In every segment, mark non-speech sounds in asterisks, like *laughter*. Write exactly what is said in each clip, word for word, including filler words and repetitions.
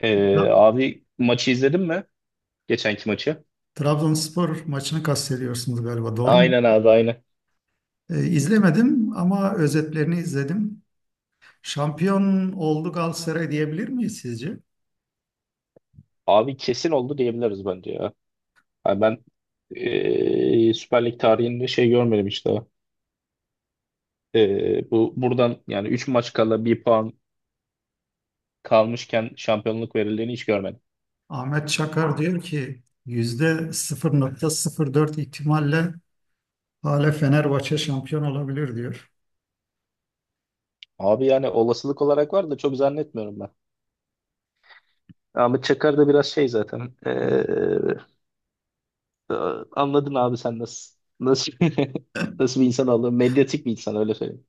Ee, Tra- Abi maçı izledin mi? Geçenki maçı. Trabzonspor maçını kastediyorsunuz galiba, doğru mu? Aynen abi aynen. Ee, izlemedim ama özetlerini izledim. Şampiyon oldu Galatasaray diyebilir miyiz sizce? Abi kesin oldu diyebiliriz bence ya. Yani ben ee, Süper Lig tarihinde şey görmedim işte. Ee, bu buradan yani üç maç kala bir puan kalmışken şampiyonluk verildiğini hiç görmedim. Ahmet Çakar diyor ki yüzde %0.04 ihtimalle hala Fenerbahçe şampiyon olabilir diyor. Abi yani olasılık olarak var da çok zannetmiyorum ben. Ahmet Çakar da biraz şey zaten. Ee, anladın abi sen nasıl nasıl *laughs* nasıl bir insan olduğunu. Medyatik bir insan öyle söyleyeyim.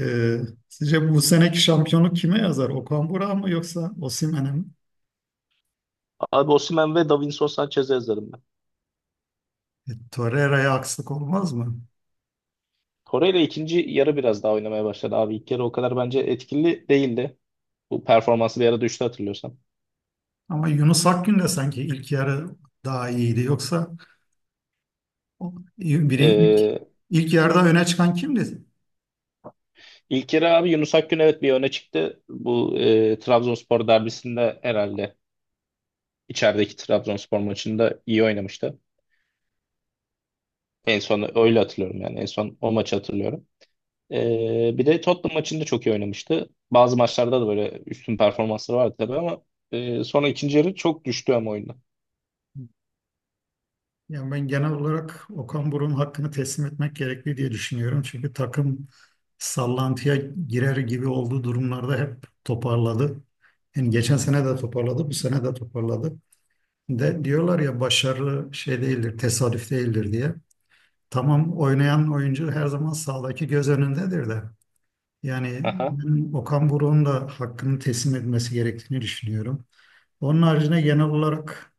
Ee, Sizce bu seneki şampiyonluk kime yazar? Okan Burak'a mı yoksa Osimhen'e mi? Abi Osimhen ve Davinson Sanchez'i yazarım. E, Torreira'ya akslık olmaz mı? Torreira ikinci yarı biraz daha oynamaya başladı abi. İlk yarı o kadar bence etkili değildi. Bu performansı bir ara düştü hatırlıyorsam. Ama Yunus Akgün de sanki ilk yarı daha iyiydi. Yoksa o- birin ilk, Ee, ilk yarıda öne çıkan kimdi? ilk yarı abi Yunus Akgün evet bir öne çıktı. Bu e, Trabzonspor derbisinde herhalde içerideki Trabzonspor maçında iyi oynamıştı. En son öyle hatırlıyorum yani. En son o maçı hatırlıyorum. Ee, bir de Tottenham maçında çok iyi oynamıştı. Bazı maçlarda da böyle üstün performansları vardı tabii ama e, sonra ikinci yarı çok düştü ama oyunda. Yani ben genel olarak Okan Buruk'un hakkını teslim etmek gerekli diye düşünüyorum. Çünkü takım sallantıya girer gibi olduğu durumlarda hep toparladı. Yani geçen sene de toparladı, bu sene de toparladı. De diyorlar ya başarılı şey değildir, tesadüf değildir diye. Tamam oynayan oyuncu her zaman sahadaki göz önündedir de. Yani Aha. ben Okan Buruk'un da hakkını teslim etmesi gerektiğini düşünüyorum. Onun haricinde genel olarak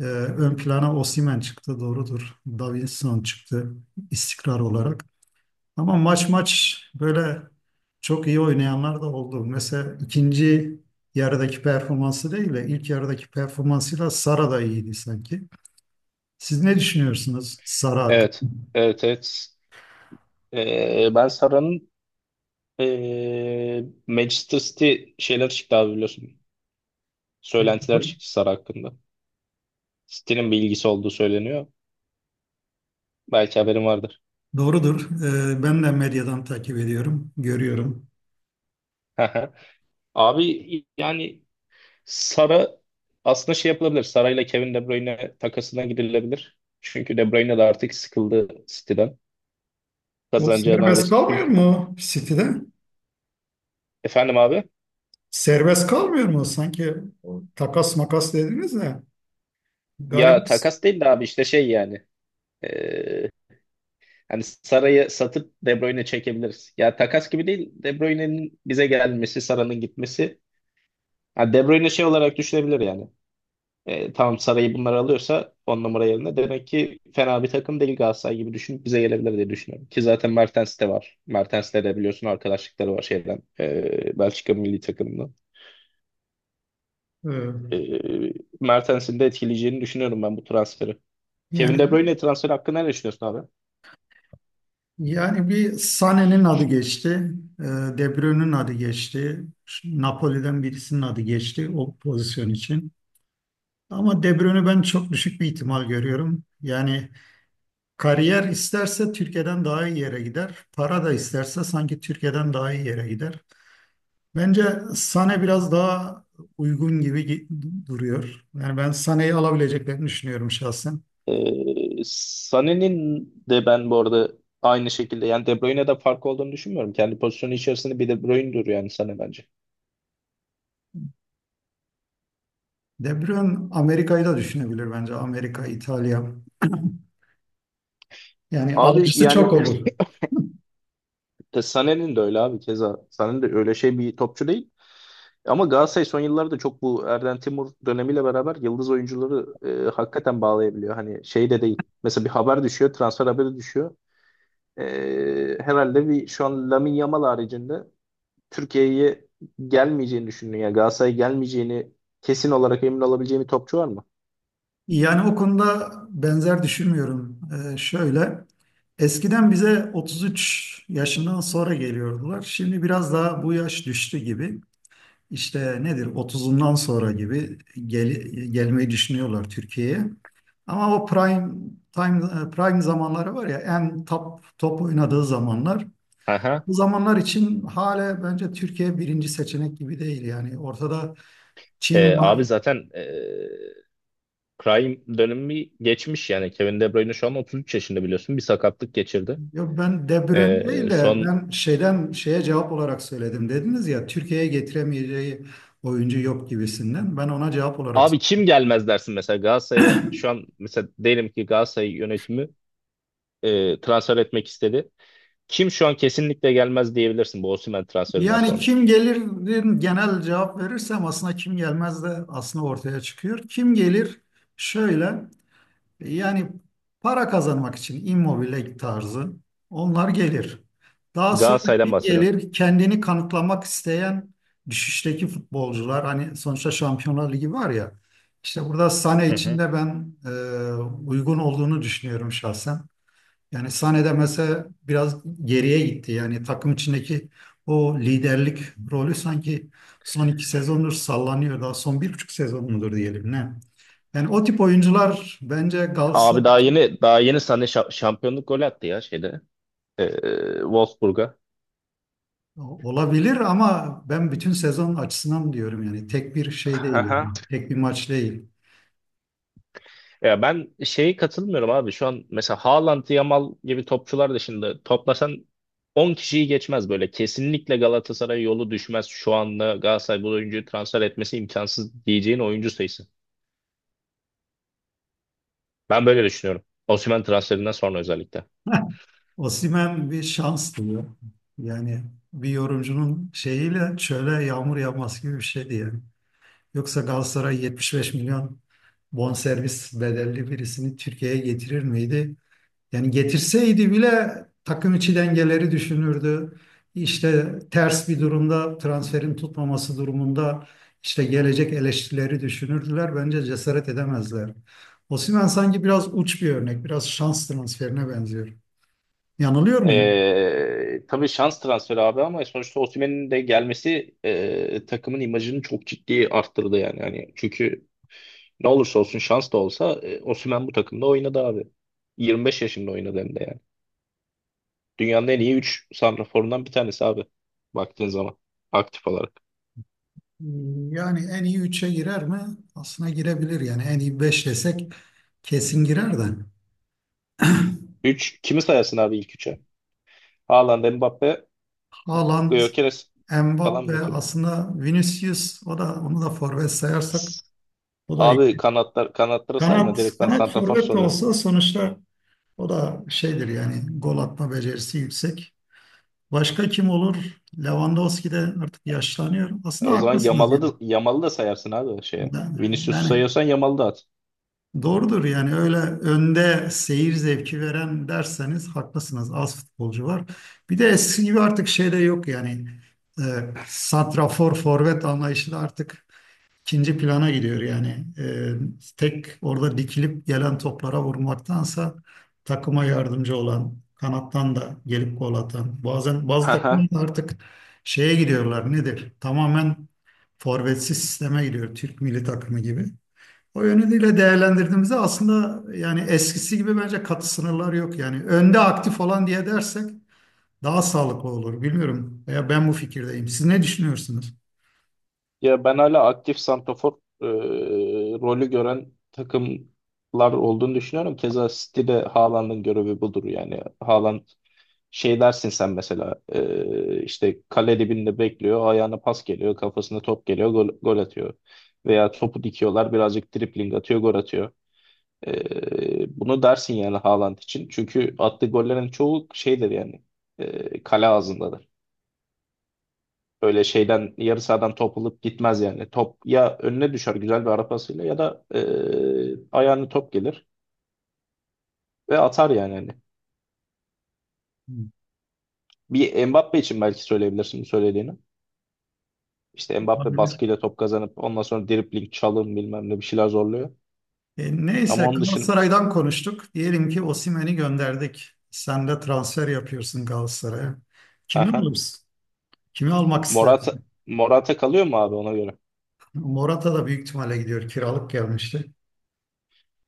e, ön plana Osimhen çıktı doğrudur. Davinson çıktı istikrar olarak. Ama maç maç böyle çok iyi oynayanlar da oldu. Mesela ikinci yarıdaki performansı değil de ilk yarıdaki performansıyla Sara da iyiydi sanki. Siz ne düşünüyorsunuz Sara Evet. hakkında? Evet, evet. Ee, ben Sara'nın e, Manchester City şeyler çıktı abi biliyorsun. Söylentiler Doğrudur. çıktı Sara hakkında. City'nin bir ilgisi olduğu söyleniyor. Belki haberin vardır. Doğrudur. Ee, ben de medyadan takip ediyorum, görüyorum. *laughs* Abi yani Sara aslında şey yapılabilir. Sara ile Kevin De Bruyne takasına gidilebilir. Çünkü De Bruyne de artık sıkıldı City'den. O Kazanacağı serbest neredeyse tüm kalmıyor kupa. mu City'de? Efendim abi? Serbest kalmıyor mu? Sanki o takas makas dediniz de galiba Ya takas değil de abi işte şey yani. Ee, Hani Sara'yı satıp De Bruyne çekebiliriz. Ya takas gibi değil. De Bruyne'nin bize gelmesi, Sara'nın gitmesi. Ha, De Bruyne şey olarak düşünebilir yani. E, tamam Saray'ı bunlar alıyorsa on numara yerine demek ki fena bir takım değil Galatasaray gibi düşünüp bize gelebilir diye düşünüyorum. Ki zaten Mertens de var. Mertens'le de biliyorsun arkadaşlıkları var şeyden. e, Belçika milli takımından. e, E, Mertens'in de etkileyeceğini düşünüyorum ben bu transferi. Kevin De yani Bruyne transferi hakkında ne düşünüyorsun abi? yani bir Sané'nin adı geçti, e, De Bruyne'nin adı geçti, Napoli'den birisinin adı geçti o pozisyon için. Ama De Bruyne'ü ben çok düşük bir ihtimal görüyorum. Yani kariyer isterse Türkiye'den daha iyi yere gider. Para da isterse sanki Türkiye'den daha iyi yere gider. Bence Sane biraz daha uygun gibi gi- duruyor. Yani ben Sane'yi alabileceklerini düşünüyorum şahsen. E, Sané'nin de ben bu arada aynı şekilde yani De Bruyne'de fark olduğunu düşünmüyorum. Kendi pozisyonu içerisinde bir De Bruyne'dur yani Sané bence. De Bruyne Amerika'yı da düşünebilir bence. Amerika, İtalya. Yani Abi alıcısı çok yani olur. Te- Sané'nin de öyle abi keza. Sané de öyle şey bir topçu değil. Ama Galatasaray son yıllarda çok bu Erden Timur dönemiyle beraber yıldız oyuncuları e, hakikaten bağlayabiliyor. Hani şey de değil. Mesela bir haber düşüyor, transfer haberi düşüyor. E, herhalde bir şu an Lamine Yamal haricinde Türkiye'ye gelmeyeceğini düşündüğün ya Galatasaray'a gelmeyeceğini kesin olarak emin olabileceğim bir topçu var mı? Yani o konuda benzer düşünmüyorum. Ee, şöyle, eskiden bize otuz üç yaşından sonra geliyordular. Şimdi biraz daha bu yaş düştü gibi. İşte nedir otuzundan sonra gibi gel, gelmeyi düşünüyorlar Türkiye'ye. Ama o prime time prime zamanları var ya en top top oynadığı zamanlar. Aha. Bu zamanlar için hala bence Türkiye birinci seçenek gibi değil yani. Ortada Ee, Çin Abi var. zaten ee, prime dönemi geçmiş yani. Kevin De Bruyne şu an otuz üç yaşında biliyorsun. Bir sakatlık geçirdi. Yok ben De Bruyne Ee, değil de son ben şeyden şeye cevap olarak söyledim. Dediniz ya Türkiye'ye getiremeyeceği oyuncu yok gibisinden. Ben ona cevap olarak Abi kim gelmez dersin mesela Galatasaray'a şu an mesela diyelim ki Galatasaray yönetimi e, transfer etmek istedi. Kim şu an kesinlikle gelmez diyebilirsin bu Osimhen transferinden yani sonra. kim gelir genel cevap verirsem aslında kim gelmez de aslında ortaya çıkıyor. Kim gelir şöyle yani para kazanmak için immobile tarzı onlar gelir. Daha sonra Galatasaray'dan kim bahsediyorum. gelir kendini kanıtlamak isteyen düşüşteki futbolcular hani sonuçta Şampiyonlar Ligi var ya işte burada Sané Hı için hı. de ben e, uygun olduğunu düşünüyorum şahsen. Yani sahnede mesela biraz geriye gitti. Yani takım içindeki o liderlik rolü sanki son iki sezondur sallanıyor. Daha son bir buçuk sezon mudur diyelim ne? Yani o tip oyuncular bence Galatasaray Abi daha yeni daha yeni sana şa- şampiyonluk golü attı ya şeyde. E, Wolfsburg'a. olabilir ama ben bütün sezon açısından diyorum yani tek bir şey değil, Aha. yani tek bir maç değil. Ya ben şeye katılmıyorum abi. Şu an mesela Haaland, Yamal gibi topçular dışında toplasan on kişiyi geçmez böyle. Kesinlikle Galatasaray yolu düşmez. Şu anda Galatasaray bu oyuncuyu transfer etmesi imkansız diyeceğin oyuncu sayısı. Ben böyle düşünüyorum. Osimhen transferinden sonra özellikle. *laughs* Osimhen bir şans diyor. Yani bir yorumcunun şeyiyle şöyle yağmur yağması gibi bir şeydi yani. Yoksa Galatasaray yetmiş beş milyon bonservis bedelli birisini Türkiye'ye getirir miydi? Yani getirseydi bile takım içi dengeleri düşünürdü. İşte ters bir durumda transferin tutmaması durumunda işte gelecek eleştirileri düşünürdüler. Bence cesaret edemezler. Osimhen sanki biraz uç bir örnek, biraz şans transferine benziyor. Yanılıyor muyum? Ee, tabii şans transferi abi ama sonuçta Osimhen'in de gelmesi e, takımın imajını çok ciddi arttırdı yani. Yani çünkü ne olursa olsun şans da olsa e, Osimhen bu takımda oynadı abi. yirmi beş yaşında oynadı hem de yani. Dünyanın en iyi üç santraforundan bir tanesi abi. Baktığın zaman aktif olarak. Yani en iyi üçe girer mi? Aslına girebilir yani en iyi beş desek kesin girer de. Üç kimi sayarsın abi ilk üçe? Haaland, Mbappe, Haaland, Gyökeres falan mı Mbappe kim? aslında Vinicius o da onu da forvet sayarsak o da iyi. Abi kanatlar kanatlara sayma Kanat direkt ben kanat santrafor forvet de soruyorum. olsa sonuçta o da şeydir yani gol atma becerisi yüksek. Başka kim olur? Lewandowski de artık yaşlanıyor. E, Aslında O zaman haklısınız Yamal'ı gibi. da, Yamal'ı da sayarsın abi o şeye. Yani, Vinicius'u yani sayıyorsan Yamal'ı da at. doğrudur yani öyle önde seyir zevki veren derseniz haklısınız. Az futbolcu var. Bir de eski gibi artık şey de yok yani. E, Santrafor forvet anlayışı da artık ikinci plana gidiyor yani. Ee, tek orada dikilip gelen toplara vurmaktansa takıma yardımcı olan, kanattan da gelip gol atan. Bazen bazı Haha. takımlar da artık şeye gidiyorlar nedir? Tamamen forvetsiz sisteme gidiyor Türk milli takımı gibi. O yönüyle değerlendirdiğimizde aslında yani eskisi gibi bence katı sınırlar yok. Yani önde aktif olan diye dersek daha sağlıklı olur. Bilmiyorum. Veya ben bu fikirdeyim. Siz ne düşünüyorsunuz? Ya ben hala aktif santrafor e, rolü gören takımlar olduğunu düşünüyorum. Keza City'de Haaland'ın görevi budur yani. Haaland şey dersin sen mesela e, işte kale dibinde bekliyor, ayağına pas geliyor, kafasına top geliyor, gol, gol atıyor. Veya topu dikiyorlar, birazcık dribling atıyor, gol atıyor. Ee, bunu dersin yani Haaland için. Çünkü attığı gollerin çoğu şeydir yani. E, kale ağzındadır. Öyle şeyden yarı sahadan top alıp gitmez yani. Top ya önüne düşer güzel bir ara pasıyla ya da e, ayağına top gelir ve atar yani. Hani. Bir Mbappe için belki söyleyebilirsin bu söylediğini. İşte Mbappe Olabilir. baskıyla top kazanıp ondan sonra dribling, çalım bilmem ne bir şeyler zorluyor. E, neyse Ama onun dışında Galatasaray'dan konuştuk. Diyelim ki Osimhen'i gönderdik. Sen de transfer yapıyorsun Galatasaray'a. Kimi alırsın? Kimi almak *laughs* Morata istersin? Morata kalıyor mu abi ona göre? Morata da büyük ihtimalle gidiyor. Kiralık gelmişti.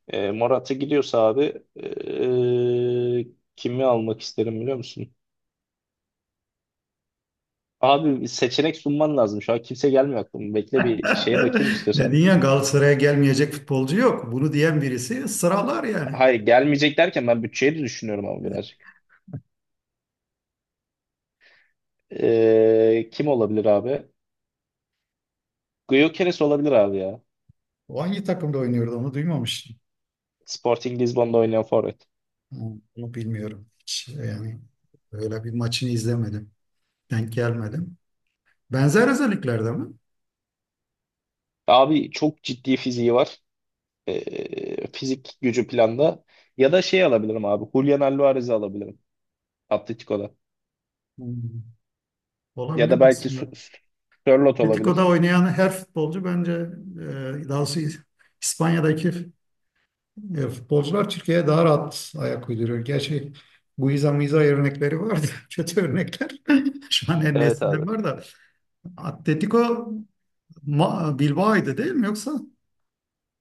E, Morata gidiyorsa abi e, kimi almak isterim biliyor musun? Abi bir seçenek sunman lazım. Şu an kimse gelmiyor aklıma. Bekle bir *laughs* şeye bakayım Dedin istiyorsan. ya Galatasaray'a gelmeyecek futbolcu yok. Bunu diyen birisi sıralar yani. Hayır, gelmeyecek derken ben bütçeyi de düşünüyorum ama birazcık. E, kim olabilir abi? Gyökeres olabilir abi ya. O hangi takımda oynuyordu onu duymamıştım. Sporting Lisbon'da oynayan forvet. Onu bilmiyorum. Hiç yani öyle bir maçını izlemedim. Denk gelmedim. Benzer özelliklerde mi? Abi çok ciddi fiziği var. E, fizik gücü planda. Ya da şey alabilirim abi. Julian Alvarez'i alabilirim. Atletico'da. Hmm. Ya Olabilir da belki aslında. Sö- Sörloth olabilir. Atletico'da oynayan her futbolcu bence e, daha doğrusu İspanya'daki e, futbolcular Türkiye'ye daha rahat ayak uyduruyor. Gerçi Guiza Miza örnekleri vardı. *laughs* Kötü örnekler. *laughs* Şu an en Evet nesilde abi. var da. Atletico Ma- Bilbao'ydu değil mi yoksa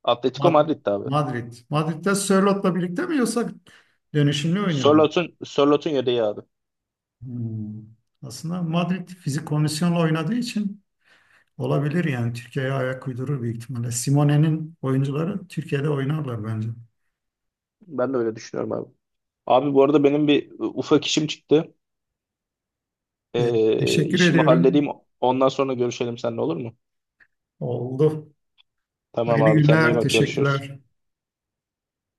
Atletico Ma- Madrid'di abi. Madrid? Madrid'de Sörlot'la birlikte mi yoksa dönüşümlü oynuyor mu? Sörloth'un Sörloth'un yedeği abi. Hmm. Aslında Madrid fizik kondisyonla oynadığı için olabilir yani Türkiye'ye ayak uydurur büyük ihtimalle. Simone'nin oyuncuları Türkiye'de oynarlar bence. Ben de öyle düşünüyorum abi. Abi bu arada benim bir ufak işim çıktı. E, Ee, teşekkür işimi ediyorum. halledeyim. Ondan sonra görüşelim seninle olur mu? Oldu. Tamam Hayırlı abi kendine iyi günler. bak görüşürüz. Teşekkürler.